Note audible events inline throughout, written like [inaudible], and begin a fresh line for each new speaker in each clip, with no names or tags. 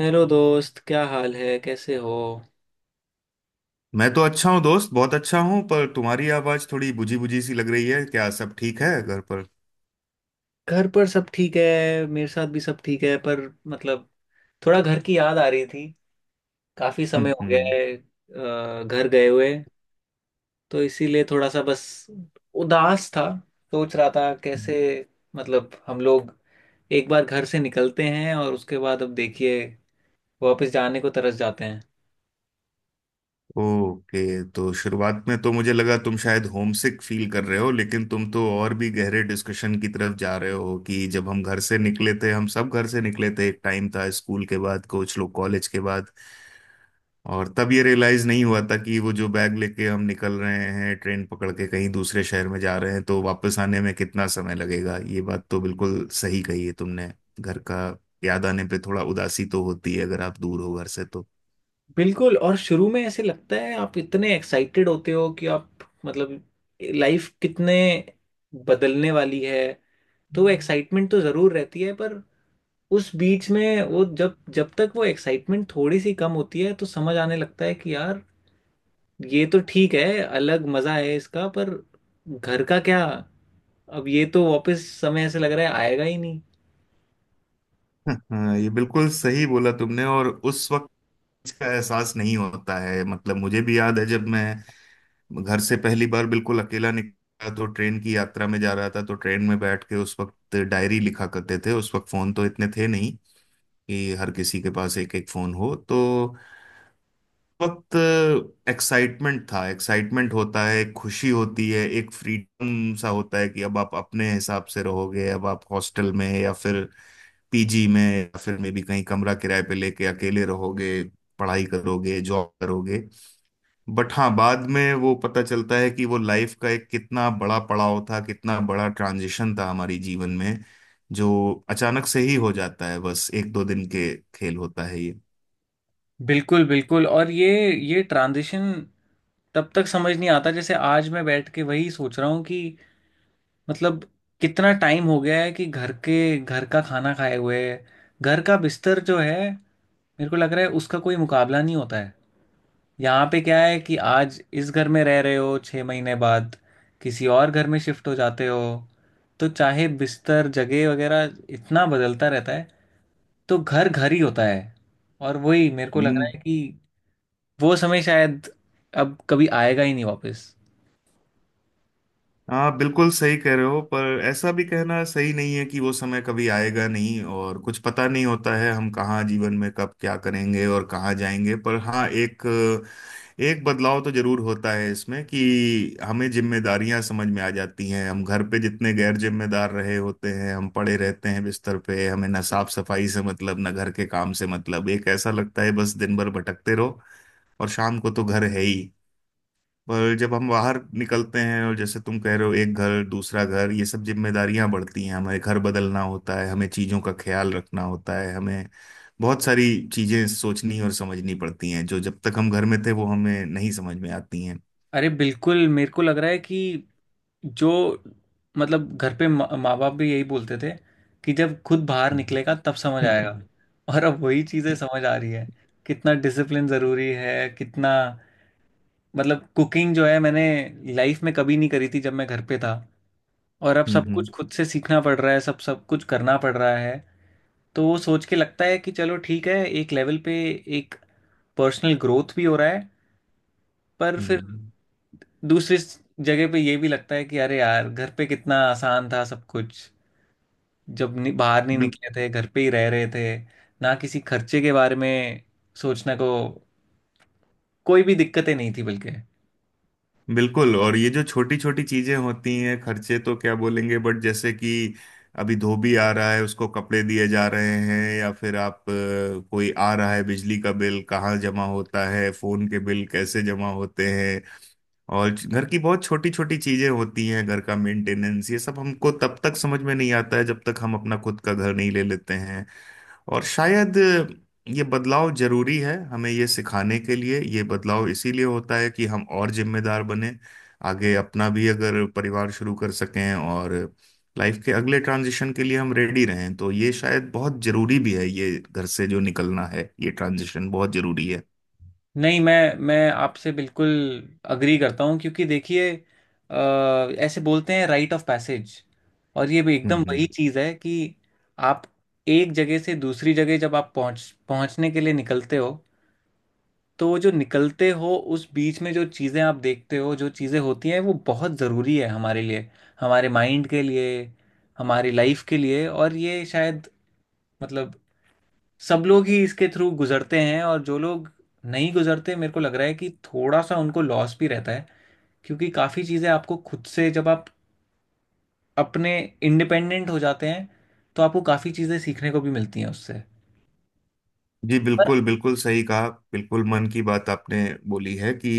Hello दोस्त, क्या हाल है? कैसे हो?
मैं तो अच्छा हूँ दोस्त, बहुत अच्छा हूँ। पर तुम्हारी आवाज थोड़ी बुझी बुझी सी लग रही है। क्या सब ठीक है घर पर?
घर पर सब ठीक है। मेरे साथ भी सब ठीक है, पर मतलब थोड़ा घर की याद आ रही थी। काफी समय हो गया
हम्म।
है घर गए हुए। तो इसीलिए थोड़ा सा बस उदास था। सोच रहा था कैसे, मतलब हम लोग एक बार घर से निकलते हैं और उसके बाद अब देखिए वापस जाने को तरस जाते हैं।
ओके। तो शुरुआत में तो मुझे लगा तुम शायद होमसिक फील कर रहे हो, लेकिन तुम तो और भी गहरे डिस्कशन की तरफ जा रहे हो कि जब हम घर से निकले थे, हम सब घर से निकले थे, एक टाइम था, स्कूल के बाद कुछ लोग कॉलेज के बाद। और तब ये रियलाइज नहीं हुआ था कि वो जो बैग लेके हम निकल रहे हैं, ट्रेन पकड़ के कहीं दूसरे शहर में जा रहे हैं, तो वापस आने में कितना समय लगेगा। ये बात तो बिल्कुल सही कही है तुमने। घर का याद आने पे थोड़ा उदासी तो होती है अगर आप दूर हो घर से तो।
बिल्कुल, और शुरू में ऐसे लगता है आप इतने एक्साइटेड होते हो कि आप, मतलब लाइफ कितने बदलने वाली है। तो एक्साइटमेंट तो ज़रूर रहती है, पर उस बीच में वो जब जब तक वो एक्साइटमेंट थोड़ी सी कम होती है तो समझ आने लगता है कि यार, ये तो ठीक है, अलग मज़ा है इसका, पर घर का क्या। अब ये तो वापस समय ऐसे लग रहा है आएगा ही नहीं।
[laughs] हाँ, ये बिल्कुल सही बोला तुमने। और उस वक्त इसका एहसास नहीं होता है। मतलब मुझे भी याद है जब मैं घर से पहली बार बिल्कुल अकेला निकला, तो ट्रेन की यात्रा में जा रहा था, तो ट्रेन में बैठ के उस वक्त डायरी लिखा करते थे। उस वक्त फोन तो इतने थे नहीं कि हर किसी के पास एक एक फोन हो। तो वक्त एक्साइटमेंट था, एक्साइटमेंट होता है, एक खुशी होती है, एक फ्रीडम सा होता है कि अब आप अपने हिसाब से रहोगे, अब आप हॉस्टल में या फिर पीजी में या फिर मे भी कहीं कमरा किराए पे लेके अकेले रहोगे, पढ़ाई करोगे, जॉब करोगे। बट हाँ, बाद में वो पता चलता है कि वो लाइफ का एक कितना बड़ा पड़ाव था, कितना बड़ा ट्रांजिशन था हमारी जीवन में, जो अचानक से ही हो जाता है। बस एक दो दिन के खेल होता है ये।
बिल्कुल बिल्कुल, और ये ट्रांजिशन तब तक समझ नहीं आता, जैसे आज मैं बैठ के वही सोच रहा हूँ कि मतलब कितना टाइम हो गया है कि घर का खाना खाए हुए। घर का बिस्तर जो है, मेरे को लग रहा है उसका कोई मुकाबला नहीं होता है। यहाँ पे क्या है कि आज इस घर में रह रहे हो, 6 महीने बाद किसी और घर में शिफ्ट हो जाते हो। तो चाहे बिस्तर जगह वगैरह इतना बदलता रहता है, तो घर घर ही होता है। और वही मेरे को लग रहा
हम्म।
है कि वो समय शायद अब कभी आएगा ही नहीं वापस।
आप बिल्कुल सही कह रहे हो, पर ऐसा भी कहना सही नहीं है कि वो समय कभी आएगा नहीं। और कुछ पता नहीं होता है हम कहाँ जीवन में कब क्या करेंगे और कहाँ जाएंगे। पर हाँ, एक एक बदलाव तो जरूर होता है इसमें कि हमें जिम्मेदारियां समझ में आ जाती हैं। हम घर पे जितने गैर जिम्मेदार रहे होते हैं, हम पड़े रहते हैं बिस्तर पे, हमें ना साफ सफाई से, मतलब ना घर के काम से, मतलब एक ऐसा लगता है बस दिन भर भटकते रहो और शाम को तो घर है ही। पर जब हम बाहर निकलते हैं, और जैसे तुम कह रहे हो, एक घर दूसरा घर, ये सब जिम्मेदारियां बढ़ती हैं। हमें घर बदलना होता है, हमें चीजों का ख्याल रखना होता है, हमें बहुत सारी चीजें सोचनी और समझनी पड़ती हैं जो जब तक हम घर में थे वो हमें नहीं समझ में आती हैं।
अरे बिल्कुल, मेरे को लग रहा है कि जो मतलब घर पे मा माँ बाप भी यही बोलते थे कि जब खुद बाहर
हम्म।
निकलेगा तब समझ
[laughs] हम्म।
आएगा। और अब वही चीज़ें समझ आ रही है। कितना डिसिप्लिन ज़रूरी है, कितना मतलब कुकिंग जो है, मैंने लाइफ में कभी नहीं करी थी जब मैं घर पे था। और अब सब कुछ
हम्म।
खुद से सीखना पड़ रहा है, सब सब कुछ करना पड़ रहा है। तो वो सोच के लगता है कि चलो ठीक है, एक लेवल पे एक पर्सनल ग्रोथ भी हो रहा है। पर फिर
हम्म।
दूसरी जगह पे ये भी लगता है कि अरे यार, घर पे कितना आसान था सब कुछ जब नि बाहर नहीं
हम्म।
निकले थे, घर पे ही रह रहे थे। ना किसी खर्चे के बारे में सोचने को कोई भी दिक्कतें नहीं थी, बल्कि
बिल्कुल। और ये जो छोटी छोटी चीजें होती हैं, खर्चे तो क्या बोलेंगे, बट जैसे कि अभी धोबी आ रहा है, उसको कपड़े दिए जा रहे हैं, या फिर आप कोई आ रहा है, बिजली का बिल कहाँ जमा होता है, फोन के बिल कैसे जमा होते हैं, और घर की बहुत छोटी छोटी चीजें होती हैं, घर का मेंटेनेंस, ये सब हमको तब तक समझ में नहीं आता है जब तक हम अपना खुद का घर नहीं ले लेते। और शायद ये बदलाव जरूरी है हमें ये सिखाने के लिए। ये बदलाव इसीलिए होता है कि हम और जिम्मेदार बने, आगे अपना भी अगर परिवार शुरू कर सकें, और लाइफ के अगले ट्रांजिशन के लिए हम रेडी रहें। तो ये शायद बहुत जरूरी भी है, ये घर से जो निकलना है, ये ट्रांजिशन बहुत जरूरी है।
नहीं, मैं आपसे बिल्कुल अग्री करता हूँ, क्योंकि देखिए अ, ऐसे बोलते हैं राइट ऑफ पैसेज। और ये भी एकदम
हम्म।
वही चीज़ है कि आप एक जगह से दूसरी जगह जब आप पहुँचने के लिए निकलते हो, तो वो जो निकलते हो उस बीच में जो चीज़ें आप देखते हो, जो चीज़ें होती हैं, वो बहुत ज़रूरी है हमारे लिए, हमारे माइंड के लिए, हमारी लाइफ के लिए। और ये शायद मतलब सब लोग ही इसके थ्रू गुजरते हैं, और जो लोग नहीं गुजरते, मेरे को लग रहा है कि थोड़ा सा उनको लॉस भी रहता है, क्योंकि काफ़ी चीज़ें आपको खुद से जब आप अपने इंडिपेंडेंट हो जाते हैं तो आपको काफ़ी चीज़ें सीखने को भी मिलती हैं उससे।
जी
पर
बिल्कुल, बिल्कुल सही कहा, बिल्कुल मन की बात आपने बोली है कि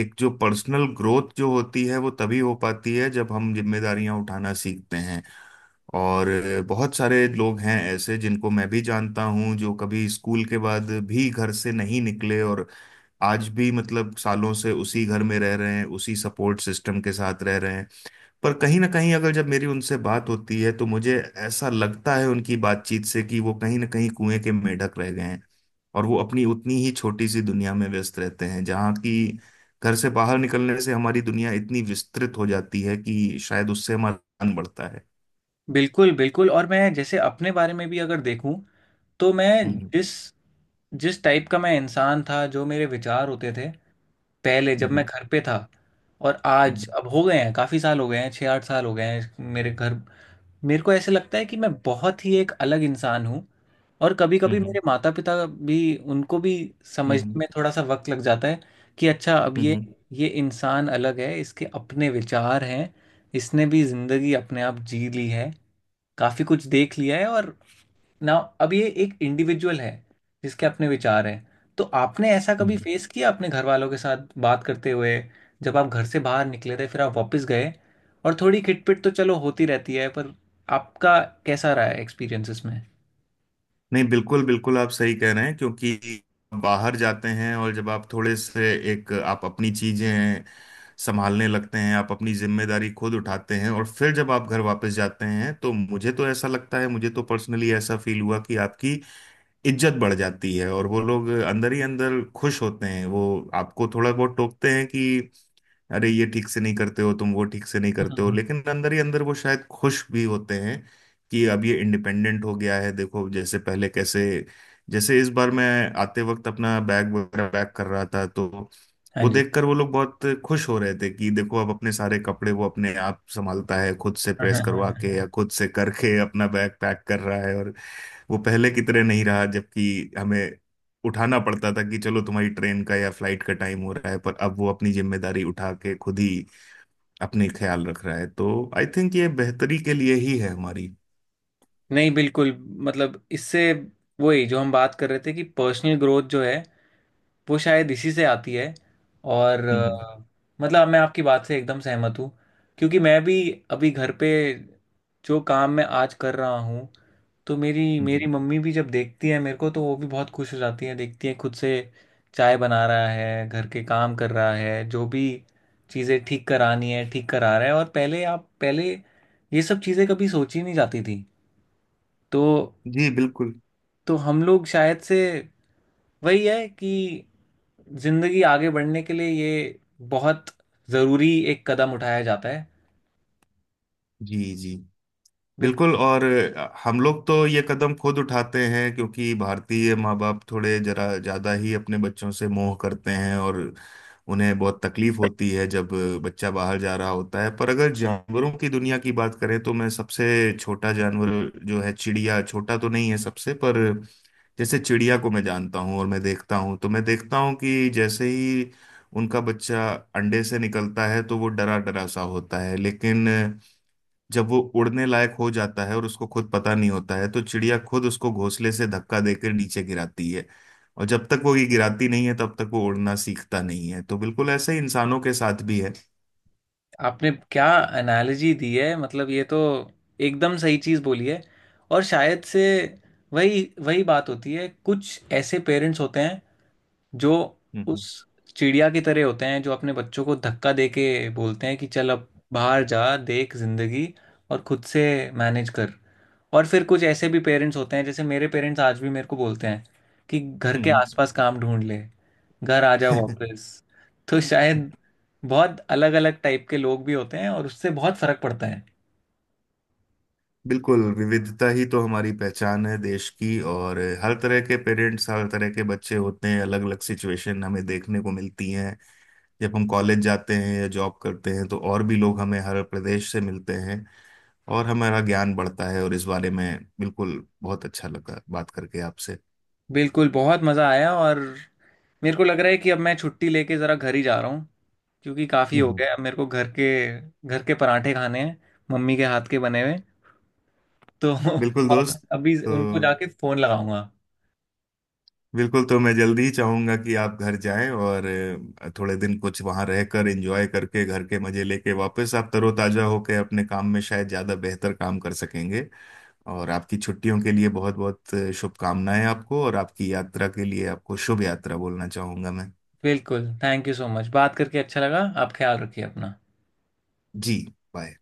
एक जो पर्सनल ग्रोथ जो होती है वो तभी हो पाती है जब हम जिम्मेदारियां उठाना सीखते हैं। और बहुत सारे लोग हैं ऐसे, जिनको मैं भी जानता हूं, जो कभी स्कूल के बाद भी घर से नहीं निकले, और आज भी, मतलब सालों से उसी घर में रह रहे हैं, उसी सपोर्ट सिस्टम के साथ रह रहे हैं। पर कहीं ना कहीं, अगर जब मेरी उनसे बात होती है, तो मुझे ऐसा लगता है उनकी बातचीत से कि वो कहीं ना कहीं कुएं के मेंढक रह गए हैं, और वो अपनी उतनी ही छोटी सी दुनिया में व्यस्त रहते हैं जहाँ की घर से बाहर निकलने से हमारी दुनिया इतनी विस्तृत हो जाती है कि शायद उससे हमारा ज्ञान बढ़ता है।
बिल्कुल बिल्कुल, और मैं जैसे अपने बारे में भी अगर देखूं तो मैं
हम्म।
जिस जिस टाइप का मैं इंसान था, जो मेरे विचार होते थे पहले जब मैं
हम्म।
घर पे था, और आज
हम्म।
अब हो गए हैं काफ़ी साल हो गए हैं, 6-8 साल हो गए हैं मेरे घर, मेरे को ऐसे लगता है कि मैं बहुत ही एक अलग इंसान हूँ। और कभी
हम्म।
कभी
हम्म।
मेरे माता पिता भी, उनको भी
हम्म।
समझने
हम्म।
में थोड़ा सा वक्त लग जाता है कि अच्छा, अब
हम्म।
ये
हम्म।
ये इंसान अलग है, इसके अपने विचार हैं, इसने भी ज़िंदगी अपने आप जी ली है, काफ़ी कुछ देख लिया है और नाउ अब ये एक इंडिविजुअल है जिसके अपने विचार हैं। तो आपने ऐसा कभी
हम्म।
फेस किया अपने घर वालों के साथ बात करते हुए, जब आप घर से बाहर निकले थे फिर आप वापस गए? और थोड़ी खिटपिट तो चलो होती रहती है, पर आपका कैसा रहा है एक्सपीरियंस इसमें?
नहीं, बिल्कुल बिल्कुल आप सही कह रहे हैं, क्योंकि बाहर जाते हैं और जब आप थोड़े से एक आप अपनी चीजें संभालने लगते हैं, आप अपनी जिम्मेदारी खुद उठाते हैं, और फिर जब आप घर वापस जाते हैं तो मुझे तो ऐसा लगता है, मुझे तो पर्सनली ऐसा फील हुआ कि आपकी इज्जत बढ़ जाती है। और वो लोग अंदर ही अंदर खुश होते हैं। वो आपको थोड़ा बहुत टोकते हैं कि अरे ये ठीक से नहीं करते हो तुम, वो ठीक से नहीं करते हो,
हम्म।
लेकिन अंदर ही अंदर वो शायद खुश भी होते हैं कि अब ये इंडिपेंडेंट हो गया है, देखो, जैसे पहले कैसे। जैसे इस बार मैं आते वक्त अपना बैग वगैरह पैक कर रहा था, तो
हाँ
वो
जी।
देखकर वो लोग बहुत खुश हो रहे थे कि देखो, अब अपने सारे कपड़े वो अपने आप संभालता है, खुद से
हाँ,
प्रेस
हाँ, हाँ,
करवा
हाँ,
के
हाँ।
या खुद से करके अपना बैग पैक कर रहा है, और वो पहले की तरह नहीं रहा, जबकि हमें उठाना पड़ता था कि चलो तुम्हारी ट्रेन का या फ्लाइट का टाइम हो रहा है। पर अब वो अपनी जिम्मेदारी उठा के खुद ही अपने ख्याल रख रहा है। तो आई थिंक ये बेहतरी के लिए ही है हमारी।
नहीं बिल्कुल, मतलब इससे वही जो हम बात कर रहे थे कि पर्सनल ग्रोथ जो है, वो शायद इसी से आती है। और
हम्म। हम्म।
मतलब मैं आपकी बात से एकदम सहमत हूँ, क्योंकि मैं भी अभी घर पे, जो काम मैं आज कर रहा हूँ, तो मेरी
हम्म।
मेरी
हम्म।
मम्मी भी जब देखती है मेरे को तो वो भी बहुत खुश हो जाती है। देखती है खुद से चाय बना रहा है, घर के काम कर रहा है, जो भी चीज़ें ठीक करानी है ठीक करा रहा है, और पहले, आप, पहले ये सब चीज़ें कभी सोची नहीं जाती थी। तो
जी बिल्कुल।
हम लोग शायद से वही है कि जिंदगी आगे बढ़ने के लिए ये बहुत जरूरी एक कदम उठाया जाता है।
जी जी। बिल्कुल,
बिल्कुल।
और हम लोग तो ये कदम खुद उठाते हैं क्योंकि भारतीय माँ बाप थोड़े जरा ज़्यादा ही अपने बच्चों से मोह करते हैं, और उन्हें बहुत तकलीफ होती है जब बच्चा बाहर जा रहा होता है। पर अगर जानवरों की दुनिया की बात करें, तो मैं सबसे छोटा जानवर जो है चिड़िया, छोटा तो नहीं है सबसे, पर जैसे चिड़िया को मैं जानता हूँ और मैं देखता हूँ, तो मैं देखता हूँ कि जैसे ही उनका बच्चा अंडे से निकलता है, तो वो डरा डरा सा होता है, लेकिन जब वो उड़ने लायक हो जाता है और उसको खुद पता नहीं होता है, तो चिड़िया खुद उसको घोंसले से धक्का देकर नीचे गिराती है। और जब तक वो ये गिराती नहीं है, तब तक वो उड़ना सीखता नहीं है। तो बिल्कुल ऐसा ही इंसानों के साथ भी है।
आपने क्या एनालॉजी दी है, मतलब ये तो एकदम सही चीज़ बोली है। और शायद से वही वही बात होती है, कुछ ऐसे पेरेंट्स होते हैं जो
हम्म।
उस चिड़िया की तरह होते हैं, जो अपने बच्चों को धक्का दे के बोलते हैं कि चल अब बाहर जा, देख जिंदगी, और खुद से मैनेज कर। और फिर कुछ ऐसे भी पेरेंट्स होते हैं, जैसे मेरे पेरेंट्स आज भी मेरे को बोलते हैं कि घर के
हम्म।
आसपास काम ढूंढ ले, घर आ
[laughs]
जाओ
हम्म।
वापस। तो शायद बहुत अलग अलग टाइप के लोग भी होते हैं और उससे बहुत फर्क पड़ता है।
बिल्कुल, विविधता ही तो हमारी पहचान है देश की। और हर तरह के पेरेंट्स, हर तरह के बच्चे होते हैं, अलग अलग सिचुएशन हमें देखने को मिलती हैं जब हम कॉलेज जाते हैं या जॉब करते हैं, तो और भी लोग हमें हर प्रदेश से मिलते हैं, और हमारा ज्ञान बढ़ता है। और इस बारे में बिल्कुल बहुत अच्छा लगा बात करके आपसे।
बिल्कुल, बहुत मज़ा आया। और मेरे को लग रहा है कि अब मैं छुट्टी लेके ज़रा घर ही जा रहा हूँ, क्योंकि काफ़ी हो
हम्म।
गया, अब मेरे को घर के पराठे खाने हैं, मम्मी के हाथ के बने हुए। तो [laughs]
बिल्कुल
और
दोस्त।
अभी
तो
उनको जाके फ़ोन लगाऊंगा।
बिल्कुल, तो मैं जल्दी ही चाहूंगा कि आप घर जाएं, और थोड़े दिन कुछ वहां रहकर एंजॉय करके, घर के मजे लेके, वापस आप तरोताजा होकर अपने काम में शायद ज्यादा बेहतर काम कर सकेंगे। और आपकी छुट्टियों के लिए बहुत बहुत शुभकामनाएं आपको, और आपकी यात्रा के लिए आपको शुभ यात्रा बोलना चाहूंगा मैं।
बिल्कुल, थैंक यू सो मच, बात करके अच्छा लगा। आप ख्याल रखिए अपना।
जी। बाय।